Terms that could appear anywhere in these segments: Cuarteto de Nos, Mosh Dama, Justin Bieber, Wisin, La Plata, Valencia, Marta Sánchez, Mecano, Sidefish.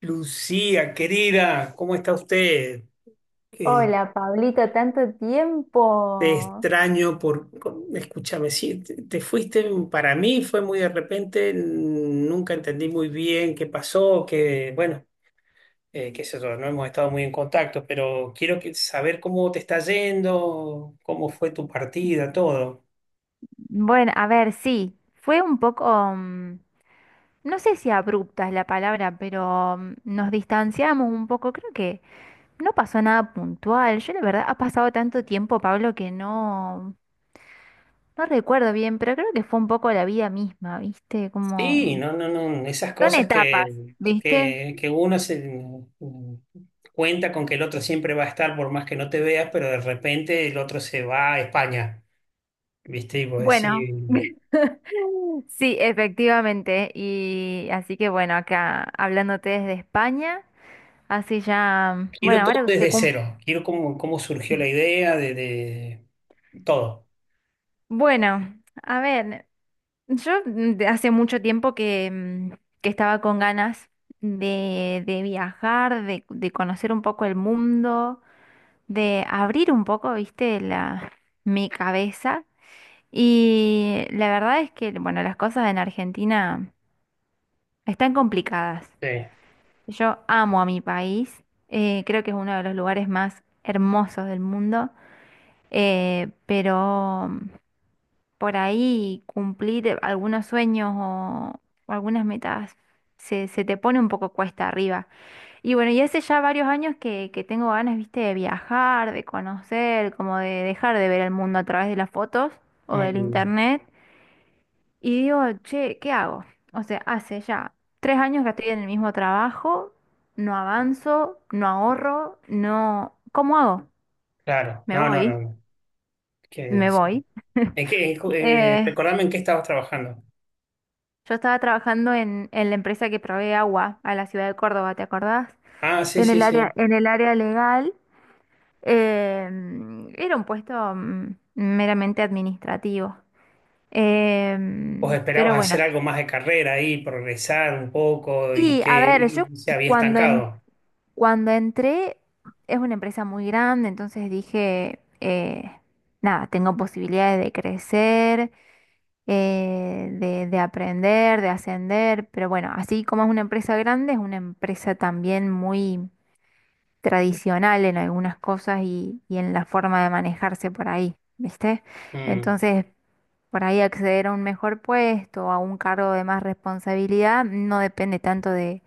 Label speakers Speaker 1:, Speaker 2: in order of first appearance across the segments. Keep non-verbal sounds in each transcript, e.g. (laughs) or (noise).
Speaker 1: Lucía, querida, ¿cómo está usted? Eh,
Speaker 2: Hola, Pablito, tanto
Speaker 1: Te
Speaker 2: tiempo.
Speaker 1: extraño por... Escúchame, sí, te fuiste, para mí fue muy de repente, nunca entendí muy bien qué pasó, que, bueno, qué sé yo, no hemos estado muy en contacto, pero quiero saber cómo te está yendo, cómo fue tu partida, todo.
Speaker 2: Bueno, a ver, sí, fue un poco, mm, no sé si abrupta es la palabra, pero nos distanciamos un poco, creo que no pasó nada puntual. Yo la verdad, ha pasado tanto tiempo, Pablo, que no, no recuerdo bien, pero creo que fue un poco la vida misma, ¿viste?
Speaker 1: Sí,
Speaker 2: Como...
Speaker 1: no, no, no, esas
Speaker 2: Son
Speaker 1: cosas que,
Speaker 2: etapas, ¿viste?
Speaker 1: que uno se mm, cuenta con que el otro siempre va a estar por más que no te veas, pero de repente el otro se va a España, ¿viste? Y vos
Speaker 2: Bueno,
Speaker 1: decís,
Speaker 2: (laughs) sí, efectivamente. Y así que bueno, acá hablándote desde España. Así ya, bueno,
Speaker 1: quiero todo
Speaker 2: ahora que se
Speaker 1: desde
Speaker 2: cumple.
Speaker 1: cero, quiero cómo, cómo surgió la idea de todo.
Speaker 2: Bueno, a ver, yo de hace mucho tiempo que estaba con ganas de viajar, de conocer un poco el mundo, de abrir un poco, viste, la, mi cabeza. Y la verdad es que, bueno, las cosas en Argentina están complicadas.
Speaker 1: Sí,
Speaker 2: Yo amo a mi país, creo que es uno de los lugares más hermosos del mundo, pero... por ahí cumplir algunos sueños o algunas metas se te pone un poco cuesta arriba. Y bueno, y hace ya varios años que tengo ganas, viste, de viajar, de conocer, como de dejar de ver el mundo a través de las fotos o del
Speaker 1: mm,
Speaker 2: internet. Y digo, che, ¿qué hago? O sea, hace ya 3 años que estoy en el mismo trabajo, no avanzo, no ahorro, no... ¿Cómo hago?
Speaker 1: claro,
Speaker 2: Me
Speaker 1: no, no,
Speaker 2: voy,
Speaker 1: no, que
Speaker 2: me
Speaker 1: sí.
Speaker 2: voy. (laughs)
Speaker 1: ¿En qué, en cu-
Speaker 2: Eh,
Speaker 1: Recordame en qué estabas trabajando.
Speaker 2: yo estaba trabajando en la empresa que provee agua a la ciudad de Córdoba, ¿te acordás?
Speaker 1: Ah, sí, sí, sí.
Speaker 2: En el área legal, era un puesto meramente administrativo.
Speaker 1: ¿Vos
Speaker 2: Em,
Speaker 1: esperabas
Speaker 2: pero bueno.
Speaker 1: hacer algo más de carrera ahí, progresar un poco y
Speaker 2: Y a
Speaker 1: que
Speaker 2: ver, yo
Speaker 1: y se había
Speaker 2: cuando, en-
Speaker 1: estancado?
Speaker 2: cuando entré, es una empresa muy grande, entonces dije, nada, tengo posibilidades de crecer, de aprender, de ascender, pero bueno, así como es una empresa grande, es una empresa también muy tradicional en algunas cosas y en la forma de manejarse por ahí, ¿viste?
Speaker 1: Mm,
Speaker 2: Entonces, por ahí acceder a un mejor puesto, a un cargo de más responsabilidad, no depende tanto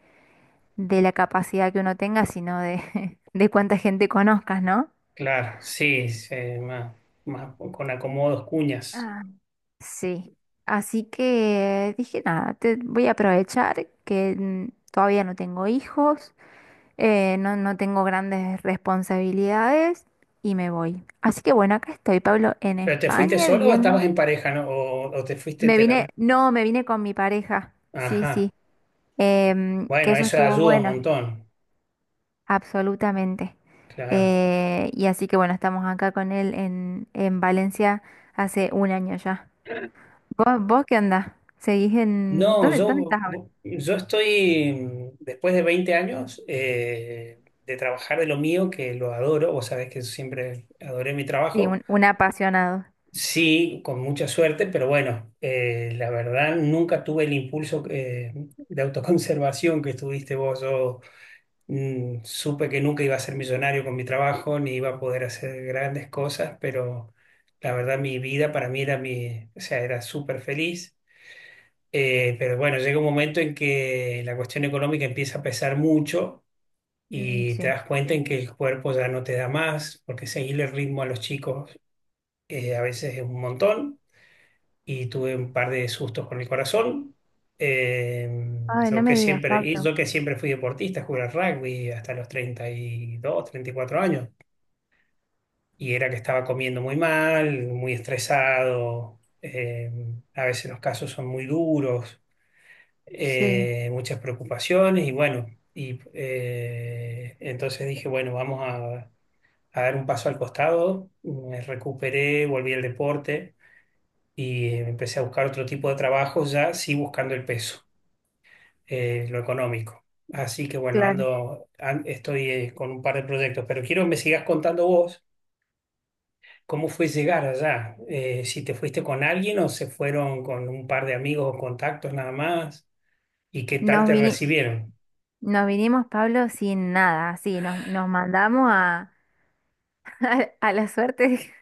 Speaker 2: de la capacidad que uno tenga, sino de, (laughs) de cuánta gente conozcas, ¿no?
Speaker 1: claro, sí, sí, más, más con acomodos, cuñas.
Speaker 2: Sí, así que dije, nada, te voy a aprovechar que todavía no tengo hijos, no tengo grandes responsabilidades y me voy. Así que bueno, acá estoy, Pablo, en
Speaker 1: ¿Pero te fuiste
Speaker 2: España
Speaker 1: solo o
Speaker 2: viviendo.
Speaker 1: estabas en pareja, no? ¿O te fuiste
Speaker 2: Me
Speaker 1: te la-
Speaker 2: vine, no, Me vine con mi pareja, sí, sí,
Speaker 1: Ajá.
Speaker 2: que
Speaker 1: Bueno,
Speaker 2: eso
Speaker 1: eso
Speaker 2: estuvo
Speaker 1: ayuda un
Speaker 2: bueno,
Speaker 1: montón.
Speaker 2: absolutamente.
Speaker 1: Claro.
Speaker 2: Y así que bueno, estamos acá con él en Valencia hace 1 año ya. ¿Vos qué andás? ¿Seguís en...
Speaker 1: No,
Speaker 2: ¿Dónde, dónde
Speaker 1: yo,
Speaker 2: estás ahora?
Speaker 1: yo estoy, después de 20 años de trabajar de lo mío, que lo adoro, vos sabés que siempre adoré mi
Speaker 2: Sí,
Speaker 1: trabajo.
Speaker 2: un apasionado.
Speaker 1: Sí, con mucha suerte, pero bueno, la verdad nunca tuve el impulso de autoconservación que tuviste vos. Yo supe que nunca iba a ser millonario con mi trabajo, ni iba a poder hacer grandes cosas, pero la verdad mi vida para mí era mi, o sea, era súper feliz. Pero bueno, llega un momento en que la cuestión económica empieza a pesar mucho
Speaker 2: Mm,
Speaker 1: y te
Speaker 2: sí.
Speaker 1: das cuenta en que el cuerpo ya no te da más, porque seguirle el ritmo a los chicos a veces es un montón y tuve un par de sustos con el corazón. Eh,
Speaker 2: Ay, no me digas,
Speaker 1: y
Speaker 2: Pablo.
Speaker 1: yo que siempre fui deportista, jugué al rugby hasta los 30 32, 34 años. Y era que estaba comiendo muy mal, muy estresado. A veces los casos son muy duros,
Speaker 2: Sí,
Speaker 1: muchas preocupaciones. Y bueno, entonces dije, bueno, vamos a dar un paso al costado. Me recuperé, volví al deporte y empecé a buscar otro tipo de trabajo, ya sí buscando el peso, lo económico. Así que bueno,
Speaker 2: claro.
Speaker 1: estoy con un par de proyectos, pero quiero que me sigas contando vos cómo fue llegar allá, si te fuiste con alguien o se fueron con un par de amigos o contactos nada más, y qué tal
Speaker 2: Nos
Speaker 1: te
Speaker 2: vini-
Speaker 1: recibieron.
Speaker 2: Nos vinimos, Pablo, sin nada. Así, nos mandamos a, (laughs) a la suerte.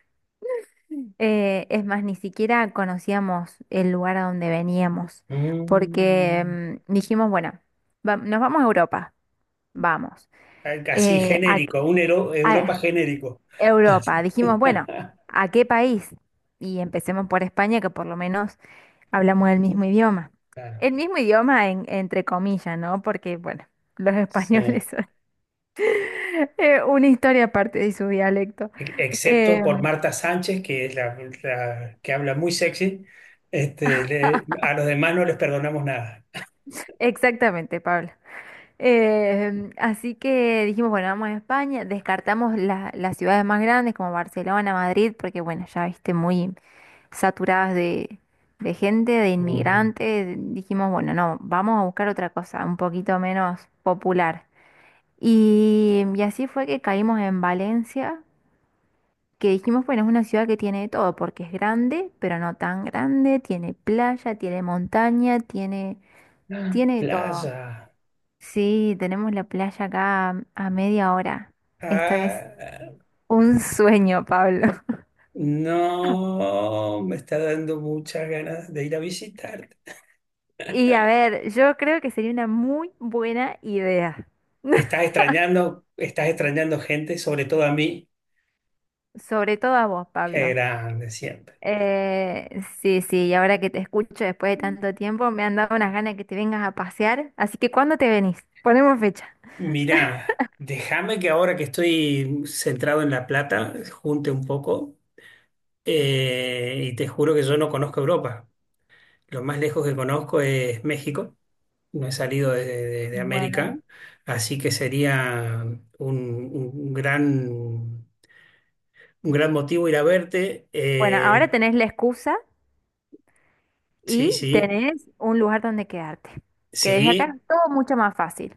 Speaker 2: Es más, ni siquiera conocíamos el lugar a donde veníamos.
Speaker 1: Mm,
Speaker 2: Porque dijimos, bueno, nos vamos a Europa. Vamos.
Speaker 1: Así
Speaker 2: Eh, a,
Speaker 1: genérico, un Europa
Speaker 2: a
Speaker 1: genérico.
Speaker 2: Europa. Dijimos, bueno,
Speaker 1: (laughs)
Speaker 2: ¿a qué país? Y empecemos por España, que por lo menos hablamos el mismo idioma.
Speaker 1: Claro.
Speaker 2: Entre comillas, ¿no? Porque, bueno, (laughs) los
Speaker 1: Sí.
Speaker 2: españoles son (laughs) una historia aparte de su dialecto. Eh,
Speaker 1: Excepto por Marta Sánchez, que es la, la que habla muy sexy, este, a los demás no les perdonamos nada.
Speaker 2: exactamente, Pablo. Así que dijimos, bueno, vamos a España, descartamos las ciudades más grandes como Barcelona, Madrid, porque, bueno, ya viste, muy saturadas de gente, de
Speaker 1: Ujú.
Speaker 2: inmigrantes. Dijimos, bueno, no, vamos a buscar otra cosa, un poquito menos popular. Y así fue que caímos en Valencia, que dijimos, bueno, es una ciudad que tiene de todo, porque es grande, pero no tan grande, tiene playa, tiene montaña, tiene,
Speaker 1: Ah,
Speaker 2: tiene de todo.
Speaker 1: playa.
Speaker 2: Sí, tenemos la playa acá a media hora. Esto es
Speaker 1: Ah,
Speaker 2: un sueño, Pablo. (laughs)
Speaker 1: no, me está dando muchas ganas de ir a visitarte.
Speaker 2: Y a ver, yo creo que sería una muy buena idea. (laughs)
Speaker 1: Estás extrañando gente, sobre todo a mí.
Speaker 2: Sobre todo a vos,
Speaker 1: Qué
Speaker 2: Pablo.
Speaker 1: grande siempre.
Speaker 2: Sí, sí, y ahora que te escucho después de tanto tiempo, me han dado unas ganas de que te vengas a pasear. Así que, ¿cuándo te venís? Ponemos fecha.
Speaker 1: Mirá, déjame que ahora que estoy centrado en La Plata, junte un poco, y te juro que yo no conozco Europa. Lo más lejos que conozco es México. No he salido de, de
Speaker 2: Bueno.
Speaker 1: América, así que sería un, un gran motivo ir a verte.
Speaker 2: Bueno, ahora tenés la excusa
Speaker 1: Sí,
Speaker 2: y
Speaker 1: sí,
Speaker 2: tenés un lugar donde quedarte, que desde acá
Speaker 1: sí.
Speaker 2: es todo mucho más fácil.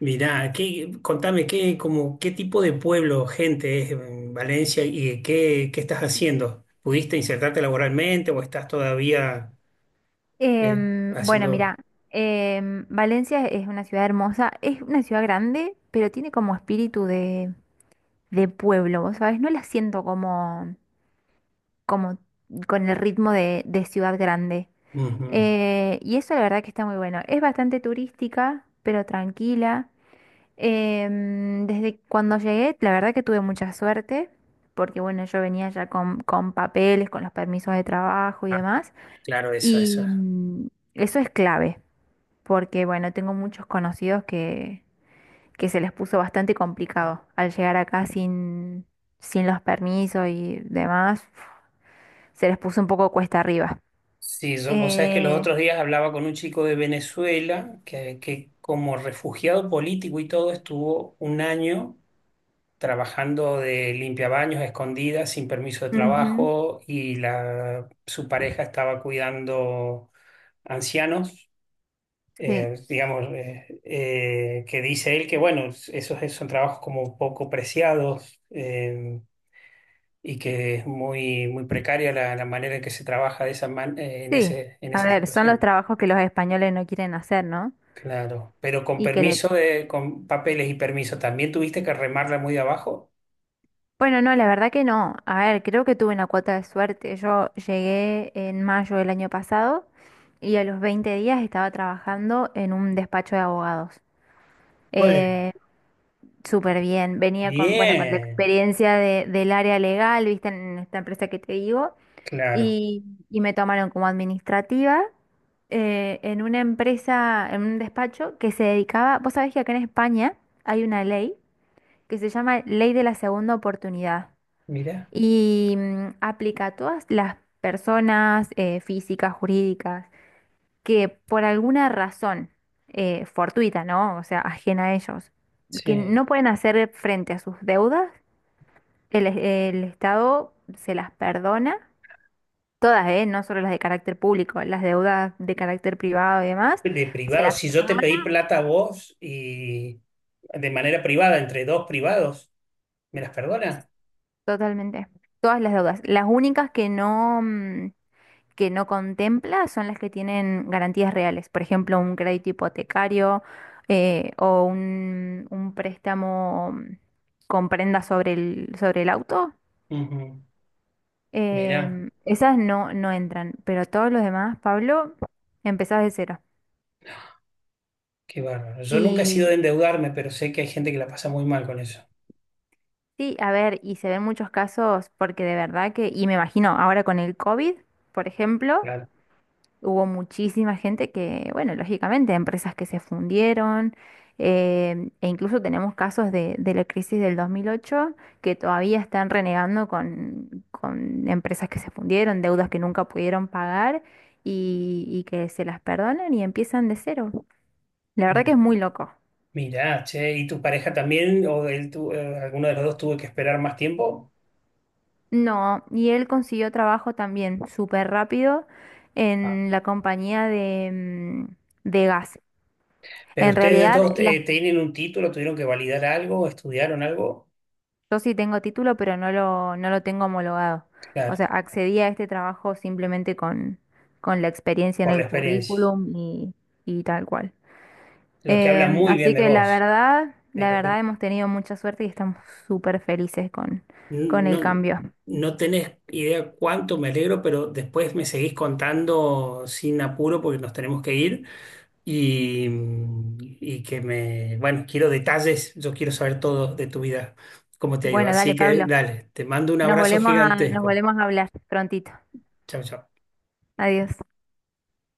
Speaker 1: Mirá, contame qué, como, qué tipo de pueblo, gente es en Valencia y qué estás haciendo? ¿Pudiste insertarte laboralmente o estás todavía
Speaker 2: Em, bueno,
Speaker 1: haciendo?
Speaker 2: mira, em, Valencia es una ciudad hermosa, es una ciudad grande, pero tiene como espíritu de pueblo, ¿vos sabés? No la siento como, como con el ritmo de ciudad grande.
Speaker 1: Ujú.
Speaker 2: Y eso la verdad que está muy bueno. Es bastante turística, pero tranquila. Em, desde cuando llegué, la verdad que tuve mucha suerte, porque bueno, yo venía ya con papeles, con los permisos de trabajo y
Speaker 1: Ah,
Speaker 2: demás,
Speaker 1: claro, eso, eso.
Speaker 2: y eso es clave, porque bueno, tengo muchos conocidos que se les puso bastante complicado al llegar acá sin, sin los permisos y demás, se les puso un poco cuesta arriba.
Speaker 1: Sí, yo, vos sabés que los otros
Speaker 2: Eh,
Speaker 1: días hablaba con un chico de Venezuela que como refugiado político y todo estuvo un año trabajando de limpiabaños a escondidas, sin permiso de
Speaker 2: ujú,
Speaker 1: trabajo y su pareja estaba cuidando ancianos,
Speaker 2: sí,
Speaker 1: digamos, que dice él que bueno, esos son trabajos como poco preciados. Y que es muy, muy precaria la manera en que se trabaja de en
Speaker 2: sí,
Speaker 1: en
Speaker 2: a
Speaker 1: esa
Speaker 2: ver, son los
Speaker 1: situación.
Speaker 2: trabajos que los españoles no quieren hacer, ¿no?
Speaker 1: Claro, pero con
Speaker 2: Y que le
Speaker 1: permiso con papeles y permiso, ¿también tuviste que remarla muy de abajo?
Speaker 2: bueno, no, la verdad que no. A ver, creo que tuve una cuota de suerte. Yo llegué en mayo del año pasado y a los 20 días estaba trabajando en un despacho de abogados.
Speaker 1: Bueno,
Speaker 2: Eh, súper bien. Venía con, bueno, con la
Speaker 1: bien,
Speaker 2: experiencia del área legal, viste, en esta empresa que te digo,
Speaker 1: claro,
Speaker 2: y, y me tomaron como administrativa en una empresa, en un despacho que se dedicaba, vos sabés que acá en España hay una ley que se llama Ley de la Segunda Oportunidad
Speaker 1: mira,
Speaker 2: y aplica a todas las personas físicas, jurídicas, que por alguna razón fortuita, ¿no? O sea, ajena a ellos, que
Speaker 1: sí.
Speaker 2: no pueden hacer frente a sus deudas, el Estado se las perdona. Todas, ¿eh? No solo las de carácter público, las deudas de carácter privado y demás,
Speaker 1: De
Speaker 2: se
Speaker 1: privado,
Speaker 2: las
Speaker 1: si yo te pedí
Speaker 2: perdona
Speaker 1: plata a vos y de manera privada, entre dos privados, ¿me las perdona?
Speaker 2: totalmente. Todas las deudas. Las únicas que no, que no contempla son las que tienen garantías reales, por ejemplo, un crédito hipotecario o un préstamo con prenda sobre el auto.
Speaker 1: Ujú. Mira,
Speaker 2: Em, esas no, no entran, pero todos los demás, Pablo, empezás de cero.
Speaker 1: qué bárbaro. Yo nunca he sido de
Speaker 2: Y
Speaker 1: endeudarme, pero sé que hay gente que la pasa muy mal con eso.
Speaker 2: sí, a ver, y se ven muchos casos porque de verdad que, y me imagino ahora con el COVID, por ejemplo,
Speaker 1: Claro.
Speaker 2: hubo muchísima gente que, bueno, lógicamente, empresas que se fundieron, em, e incluso tenemos casos de la crisis del 2008 que todavía están renegando con empresas que se fundieron, deudas que nunca pudieron pagar y que se las perdonan y empiezan de cero. La verdad que
Speaker 1: Mi-
Speaker 2: es muy loco.
Speaker 1: Mira, che, ¿y tu pareja también o alguno de los dos tuvo que esperar más tiempo?
Speaker 2: No, y él consiguió trabajo también súper rápido en la compañía de, de gas.
Speaker 1: Pero
Speaker 2: En
Speaker 1: ustedes de
Speaker 2: realidad,
Speaker 1: todos
Speaker 2: la
Speaker 1: tienen un título, tuvieron que validar algo, estudiaron algo,
Speaker 2: yo sí tengo título, pero no lo, no lo tengo homologado. O sea,
Speaker 1: claro,
Speaker 2: accedí a este trabajo simplemente con la experiencia en
Speaker 1: por la
Speaker 2: el
Speaker 1: experiencia.
Speaker 2: currículum y tal cual.
Speaker 1: Lo que habla
Speaker 2: Em,
Speaker 1: muy bien
Speaker 2: así
Speaker 1: de
Speaker 2: que
Speaker 1: vos, es
Speaker 2: la
Speaker 1: lo que
Speaker 2: verdad hemos tenido mucha suerte y estamos súper felices con el
Speaker 1: no,
Speaker 2: cambio.
Speaker 1: no tenés idea cuánto me alegro, pero después me seguís contando sin apuro porque nos tenemos que ir y, y bueno, quiero detalles, yo quiero saber todo de tu vida, cómo te ha ido.
Speaker 2: Bueno, dale,
Speaker 1: Así que
Speaker 2: Pablo.
Speaker 1: dale, te mando un abrazo
Speaker 2: Nos
Speaker 1: gigantesco.
Speaker 2: volvemos a hablar prontito.
Speaker 1: Chao, chao.
Speaker 2: Adiós.